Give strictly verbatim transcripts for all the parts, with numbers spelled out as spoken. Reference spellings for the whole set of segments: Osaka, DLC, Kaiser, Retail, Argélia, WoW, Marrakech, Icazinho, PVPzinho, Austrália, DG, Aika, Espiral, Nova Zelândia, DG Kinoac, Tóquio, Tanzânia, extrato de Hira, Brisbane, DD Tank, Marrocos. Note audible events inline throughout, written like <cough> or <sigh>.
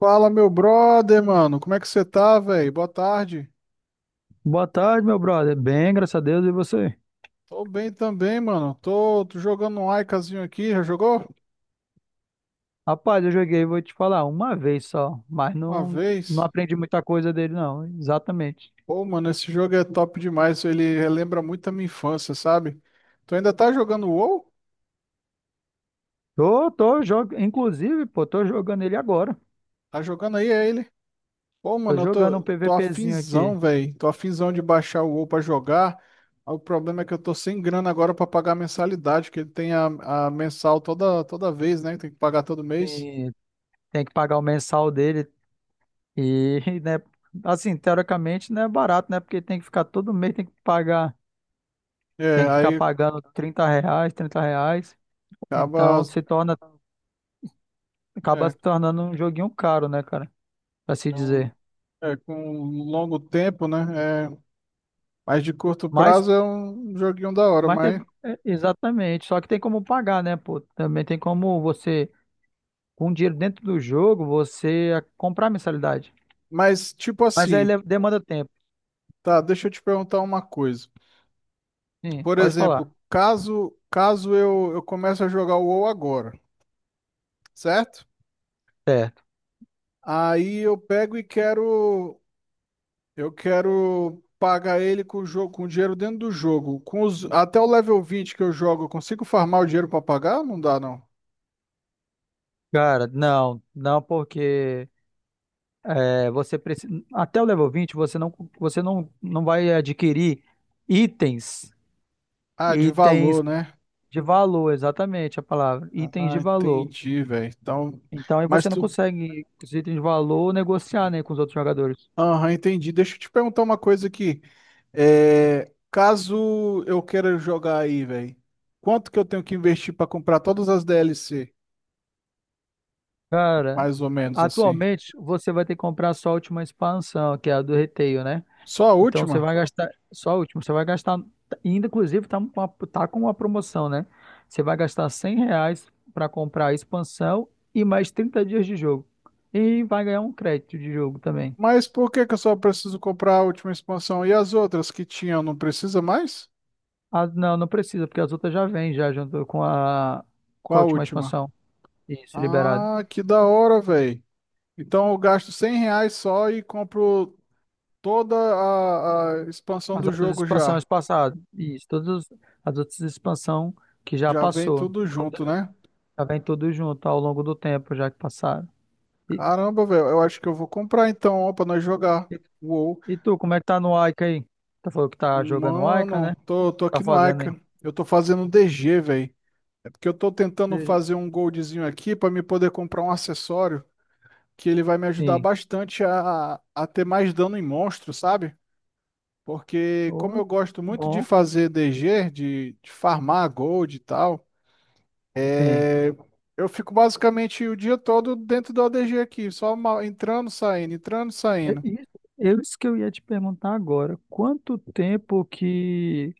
Fala, meu brother, mano. Como é que você tá, velho? Boa tarde. Boa tarde, meu brother. Bem, graças a Deus, e você? Tô bem também, mano. Tô, tô jogando um Icazinho aqui. Já jogou? Rapaz, eu joguei, vou te falar, uma vez só, mas Uma não, não vez. aprendi muita coisa dele, não, exatamente. Pô, mano, esse jogo é top demais. Ele relembra muito a minha infância, sabe? Tu ainda tá jogando WoW? Tô, tô, jogo, inclusive, pô, tô jogando ele agora. Tá jogando aí, é ele? Pô, Tô mano, eu jogando um tô, tô PVPzinho aqui. afinzão, velho. Tô afinzão de baixar o WoW pra jogar. O problema é que eu tô sem grana agora pra pagar a mensalidade, que ele tem a, a mensal toda, toda vez, né? Tem que pagar todo mês. E tem que pagar o mensal dele. E, <laughs> né, assim, teoricamente não é barato, né? Porque tem que ficar todo mês, tem que pagar, É, tem que ficar aí pagando trinta reais, trinta reais. acaba. Então se torna, acaba É, se tornando um joguinho caro, né, cara? Pra se então. dizer. É, com um longo tempo, né? É, mas de curto Mas prazo é um joguinho da hora, Mas tem, mas, é, exatamente, só que tem como pagar, né, pô? Também tem como você, com dinheiro dentro do jogo, você a- comprar a mensalidade. mas tipo Mas aí assim, le- demanda tempo. tá, deixa eu te perguntar uma coisa. Sim, Por pode falar. exemplo, caso caso eu, eu comece a jogar o WoW agora, certo? Certo. Aí eu pego e quero eu quero pagar ele com o jogo, com o dinheiro dentro do jogo. Com os, até o level vinte que eu jogo, eu consigo farmar o dinheiro pra pagar? Não dá, não. Cara, não, não porque é, você precisa, até o level vinte você não, você não, não vai adquirir itens, Ah, de itens valor, né? de valor, exatamente a palavra, itens de Ah, valor. entendi, velho. Então, Então aí mas você não tu consegue, com os itens de valor, negociar, né, com os outros jogadores. aham, entendi. Deixa eu te perguntar uma coisa aqui. É, caso eu queira jogar aí, velho, quanto que eu tenho que investir pra comprar todas as D L C? Cara, Mais ou menos assim. atualmente você vai ter que comprar só a última expansão, que é a do Retail, né? Só a Então você última? vai gastar só a última, você vai gastar, e ainda inclusive tá, com uma- tá com uma promoção, né? Você vai gastar cem reais para comprar a expansão e mais trinta dias de jogo. E vai ganhar um crédito de jogo também. Mas por que que eu só preciso comprar a última expansão? E as outras que tinham, não precisa mais? Ah, não, não precisa, porque as outras já vêm já junto com a, Qual com a a última última? expansão. Isso, liberado. Ah, que da hora, velho. Então eu gasto cem reais só e compro toda a, a expansão As do outras jogo expansões já. passadas. Isso, todas as outras expansões que já Já vem passou. tudo junto, né? Já vem tudo junto ao longo do tempo, já que passaram. E, Caramba, velho, eu acho que eu vou comprar então, ó, pra nós jogar. e, Uou. e tu, como é que tá no Aika aí? Tá falando que tá jogando Aika, Mano, né? tô, tô Tá aqui no fazendo aí? Ica. Eu tô fazendo D G, velho. É porque eu tô tentando De- fazer um goldzinho aqui pra me poder comprar um acessório que ele vai me ajudar Sim. bastante a, a ter mais dano em monstro, sabe? Porque como Ô, eu gosto muito de bom, fazer D G, de, de farmar gold e tal, sim. é, eu fico basicamente o dia todo dentro do A D G aqui, só ma- entrando, saindo, entrando, É saindo. Isso, é isso que eu ia te perguntar agora. Quanto tempo que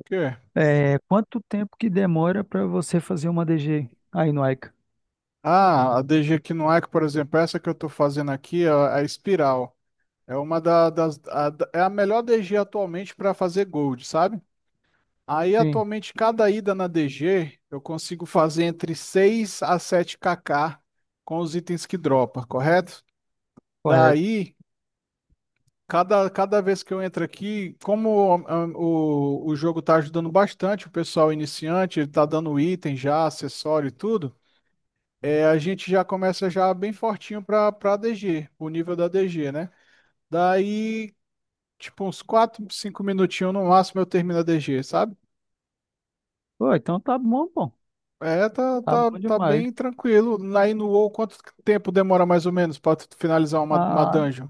O quê? é, quanto tempo que demora para você fazer uma D G aí no Aika? Ah, a D G Kinoac, por exemplo, essa que eu estou fazendo aqui, a, a Espiral, é uma da- das, a- da- é a melhor D G atualmente para fazer gold, sabe? Aí Sim, atualmente cada ida na D G eu consigo fazer entre seis a sete kk com os itens que dropa, correto? correto. Daí, cada, cada vez que eu entro aqui, como ah, o, o jogo está ajudando bastante o pessoal iniciante, ele tá dando item já, acessório e tudo. É, a gente já começa já bem fortinho para para D G, o nível da D G, né? Daí, tipo, uns quatro cinco minutinhos no máximo eu termino a D G, sabe? Pô, então tá bom, bom. É, tá, Tá tá, bom tá demais. bem tranquilo. Aí no WoW, quanto tempo demora mais ou menos para finalizar uma, uma A, dungeon?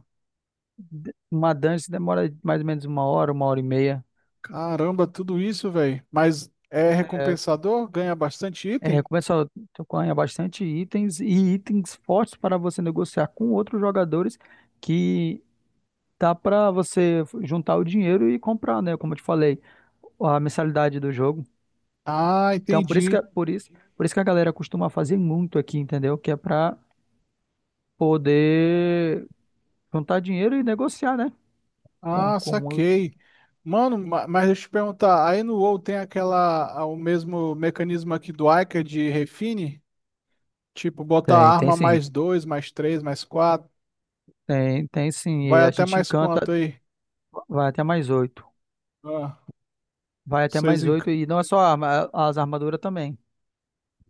uma dance demora mais ou menos uma hora, uma hora e meia. Caramba, tudo isso, velho. Mas é É, recompensador? Ganha bastante É, item? começa a tocar bastante itens e itens fortes para você negociar com outros jogadores que dá para você juntar o dinheiro e comprar, né? Como eu te falei, a mensalidade do jogo. Ah, Então, por isso que, entendi. por isso, por isso que a galera costuma fazer muito aqui, entendeu? Que é para poder juntar dinheiro e negociar, né? Com, Ah, com... saquei. Mano, ma- mas deixa eu te perguntar, aí no WoW tem aquela, a- o mesmo mecanismo aqui do Ica de refine? Tipo, botar Tem, tem arma sim. mais dois, mais três, mais quatro, Tem, tem sim. vai E a até gente mais encanta, quanto aí? vai até mais oito. Ah, Vai até seis mais em... ca- oito. E não é só arma, as armaduras também.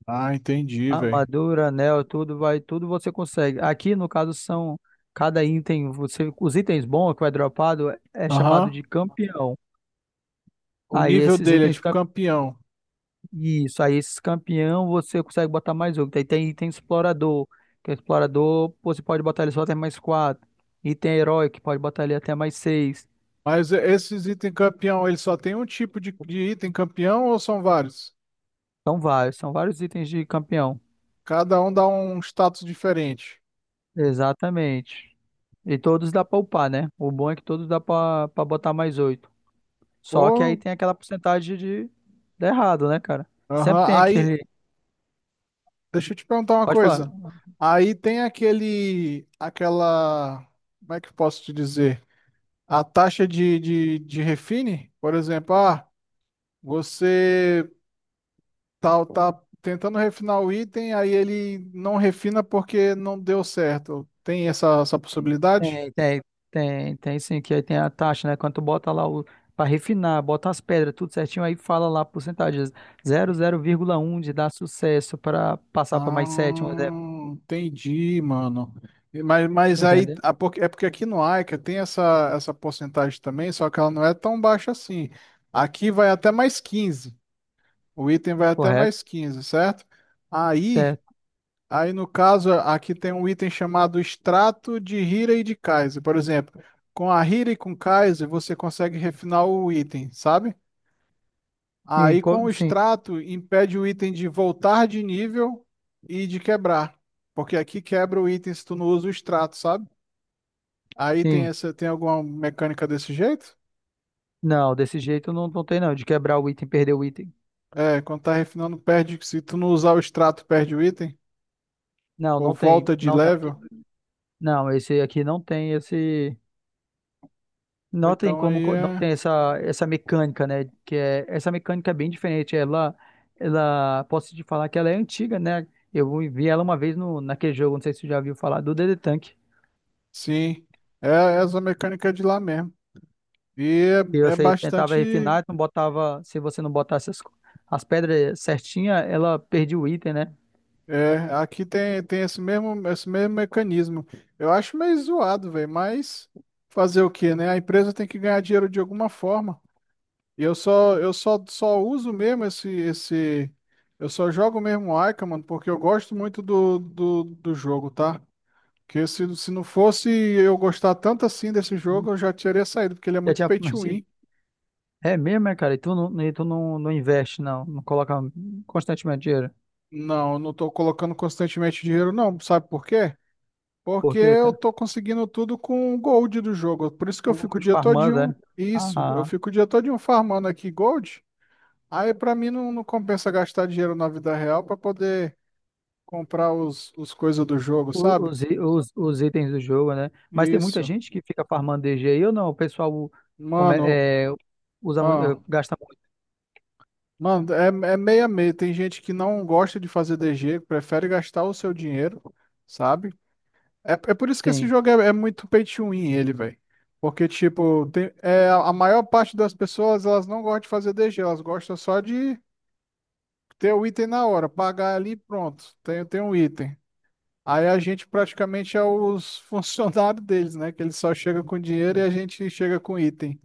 Ah, entendi, velho. Armadura, anel, tudo vai, tudo você consegue. Aqui, no caso, são cada item, você, os itens bons que vai dropado é chamado Aham, de campeão. o Aí nível esses dele é itens, tipo cam- campeão. isso, aí esses campeão você consegue botar mais outro. Aí tem item explorador, que o explorador você pode botar ele só até mais quatro. Item herói, que pode botar ele até mais seis. Mas e- esses itens campeão, ele só tem um tipo de, de item campeão ou são vários? São vários, são vários itens de campeão. Cada um dá um status diferente. Exatamente. E todos dá pra upar, né? O bom é que todos dá pra, pra botar mais oito. Só que aí Pô, tem aquela porcentagem de, de errado, né, cara? Sempre tem aham. aquele. Deixa eu te perguntar uma Pode falar. coisa. Aí tem aquele, aquela, como é que eu posso te dizer? A taxa de, de, de refine, por exemplo, ah, você tá, tá tentando refinar o item, aí ele não refina porque não deu certo. Tem essa, essa possibilidade? Tem, tem, tem, tem sim, que aí tem a taxa, né? Quando tu bota lá o. Pra refinar, bota as pedras, tudo certinho, aí fala lá a porcentagem. Zero vírgula um de dar sucesso para passar para mais sete, um Ah, exemplo. entendi, mano. E- Mas, mas aí, Entendeu? a por- é porque aqui no Aika tem essa, essa porcentagem também, só que ela não é tão baixa assim. Aqui vai até mais quinze. O item vai até Correto? mais quinze, certo? Aí, Certo. aí no caso, aqui tem um item chamado extrato de Hira e de Kaiser. Por exemplo, com a Hira e com Kaiser, você consegue refinar o item, sabe? Sim, Aí com co- o sim, extrato impede o item de voltar de nível e de quebrar. Porque aqui quebra o item se tu não usa o extrato, sabe? Aí tem sim. essa, tem alguma mecânica desse jeito? Não, desse jeito não, não tem, não. De quebrar o item, perder o item. É, quando tá refinando, perde. Se tu não usar o extrato, perde o item. Não, Ou não tem. volta de Não tá aqui. level. Não, esse aqui não tem esse. Ou Notem então como aí co- não é. tem essa, essa mecânica, né? Que é, essa mecânica é bem diferente. Ela, ela, posso te falar que ela é antiga, né? Eu vi ela uma vez no, naquele jogo, não sei se você já viu falar, do D D Tank. Sim, é é essa mecânica de lá mesmo. E E é, é você tentava bastante. refinar, não botava, se você não botasse as, as pedras certinha, ela perdia o item, né? É, aqui tem, tem esse mesmo, esse mesmo mecanismo. Eu acho meio zoado, velho, mas fazer o quê, né? A empresa tem que ganhar dinheiro de alguma forma. E eu só, eu só, só uso mesmo esse, esse. Eu só jogo mesmo o Ica, mano, porque eu gosto muito do, do, do jogo, tá? Porque se, se não fosse eu gostar tanto assim desse jogo, eu já teria saído, porque ele é Já muito tinha, pay to win. <laughs> é é mesmo, é, cara? E tu não, e tu não, não investe, não, não coloca constantemente dinheiro. Não, eu não tô colocando constantemente dinheiro, não. Sabe por quê? Por Porque quê, eu tô conseguindo tudo com o gold do jogo. Por isso que eu um fico gol o de dia farmando, todinho. né? Isso, eu Ah, fico o dia todinho farmando aqui gold. Aí pra mim não, não compensa gastar dinheiro na vida real pra poder comprar os, os coisas do jogo, o- sabe? os, i- os, os itens do jogo, né? Mas tem muita Isso. gente que fica farmando D G aí ou não? O pessoal como Mano, é, é, usa muito, é, ah, gasta muito, mano, é, é meio a meio. Tem gente que não gosta de fazer D G, prefere gastar o seu dinheiro, sabe? É, é por isso que esse sim. jogo é, é muito pay to win, ele, velho. Porque, tipo, tem, é, a a maior parte das pessoas, elas não gostam de fazer D G, elas gostam só de ter o item na hora, pagar ali, e pronto, tem, tem um item. Aí a gente praticamente é os <laughs> funcionários deles, né? Que eles só chegam com dinheiro e a gente chega com item.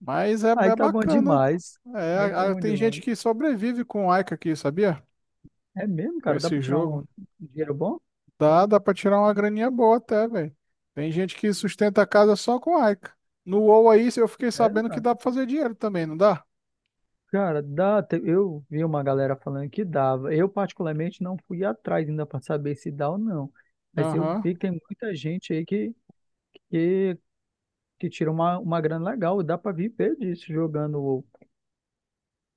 Mas é, Aí é tá bom bacana. demais. É, Aí tá a- a- bom tem gente demais. que sobrevive com Ica aqui, sabia? É mesmo, Com cara? Dá pra esse tirar um um jogo. dinheiro bom? Dá, dá pra tirar uma graninha boa até, velho. Tem gente que sustenta a casa só com aica. No WoW aí, eu fiquei Sério, sabendo que cara? dá pra fazer dinheiro também, não dá? Cara, dá. te- Eu vi uma galera falando que dava. Eu, particularmente, não fui atrás ainda para saber se dá ou não. Mas eu Aham. vi que tem muita gente aí que que, que tira uma, uma grana legal, dá para viver disso jogando WoW.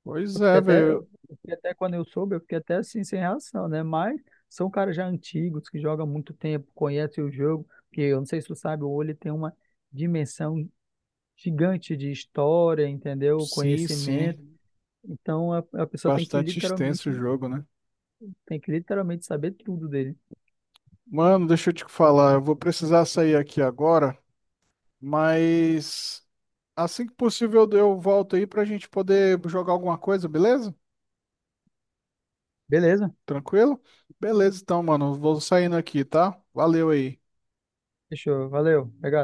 Pois Eu fiquei é, até, velho. eu fiquei até Quando eu soube, eu fiquei até assim sem reação, né? Mas são caras já antigos que jogam há muito tempo, conhecem o jogo, que eu não sei se tu sabe, o WoW ele tem uma dimensão gigante de história, entendeu? Sim, Conhecimento. sim. Então a, a pessoa tem que Bastante extenso o literalmente jogo, né? tem que literalmente saber tudo dele. Mano, deixa eu te falar. Eu vou precisar sair aqui agora, mas assim que possível eu eu volto aí pra gente poder jogar alguma coisa, beleza? Beleza? Tranquilo? Beleza, então, mano. Vou saindo aqui, tá? Valeu aí. Fechou, valeu. Legal.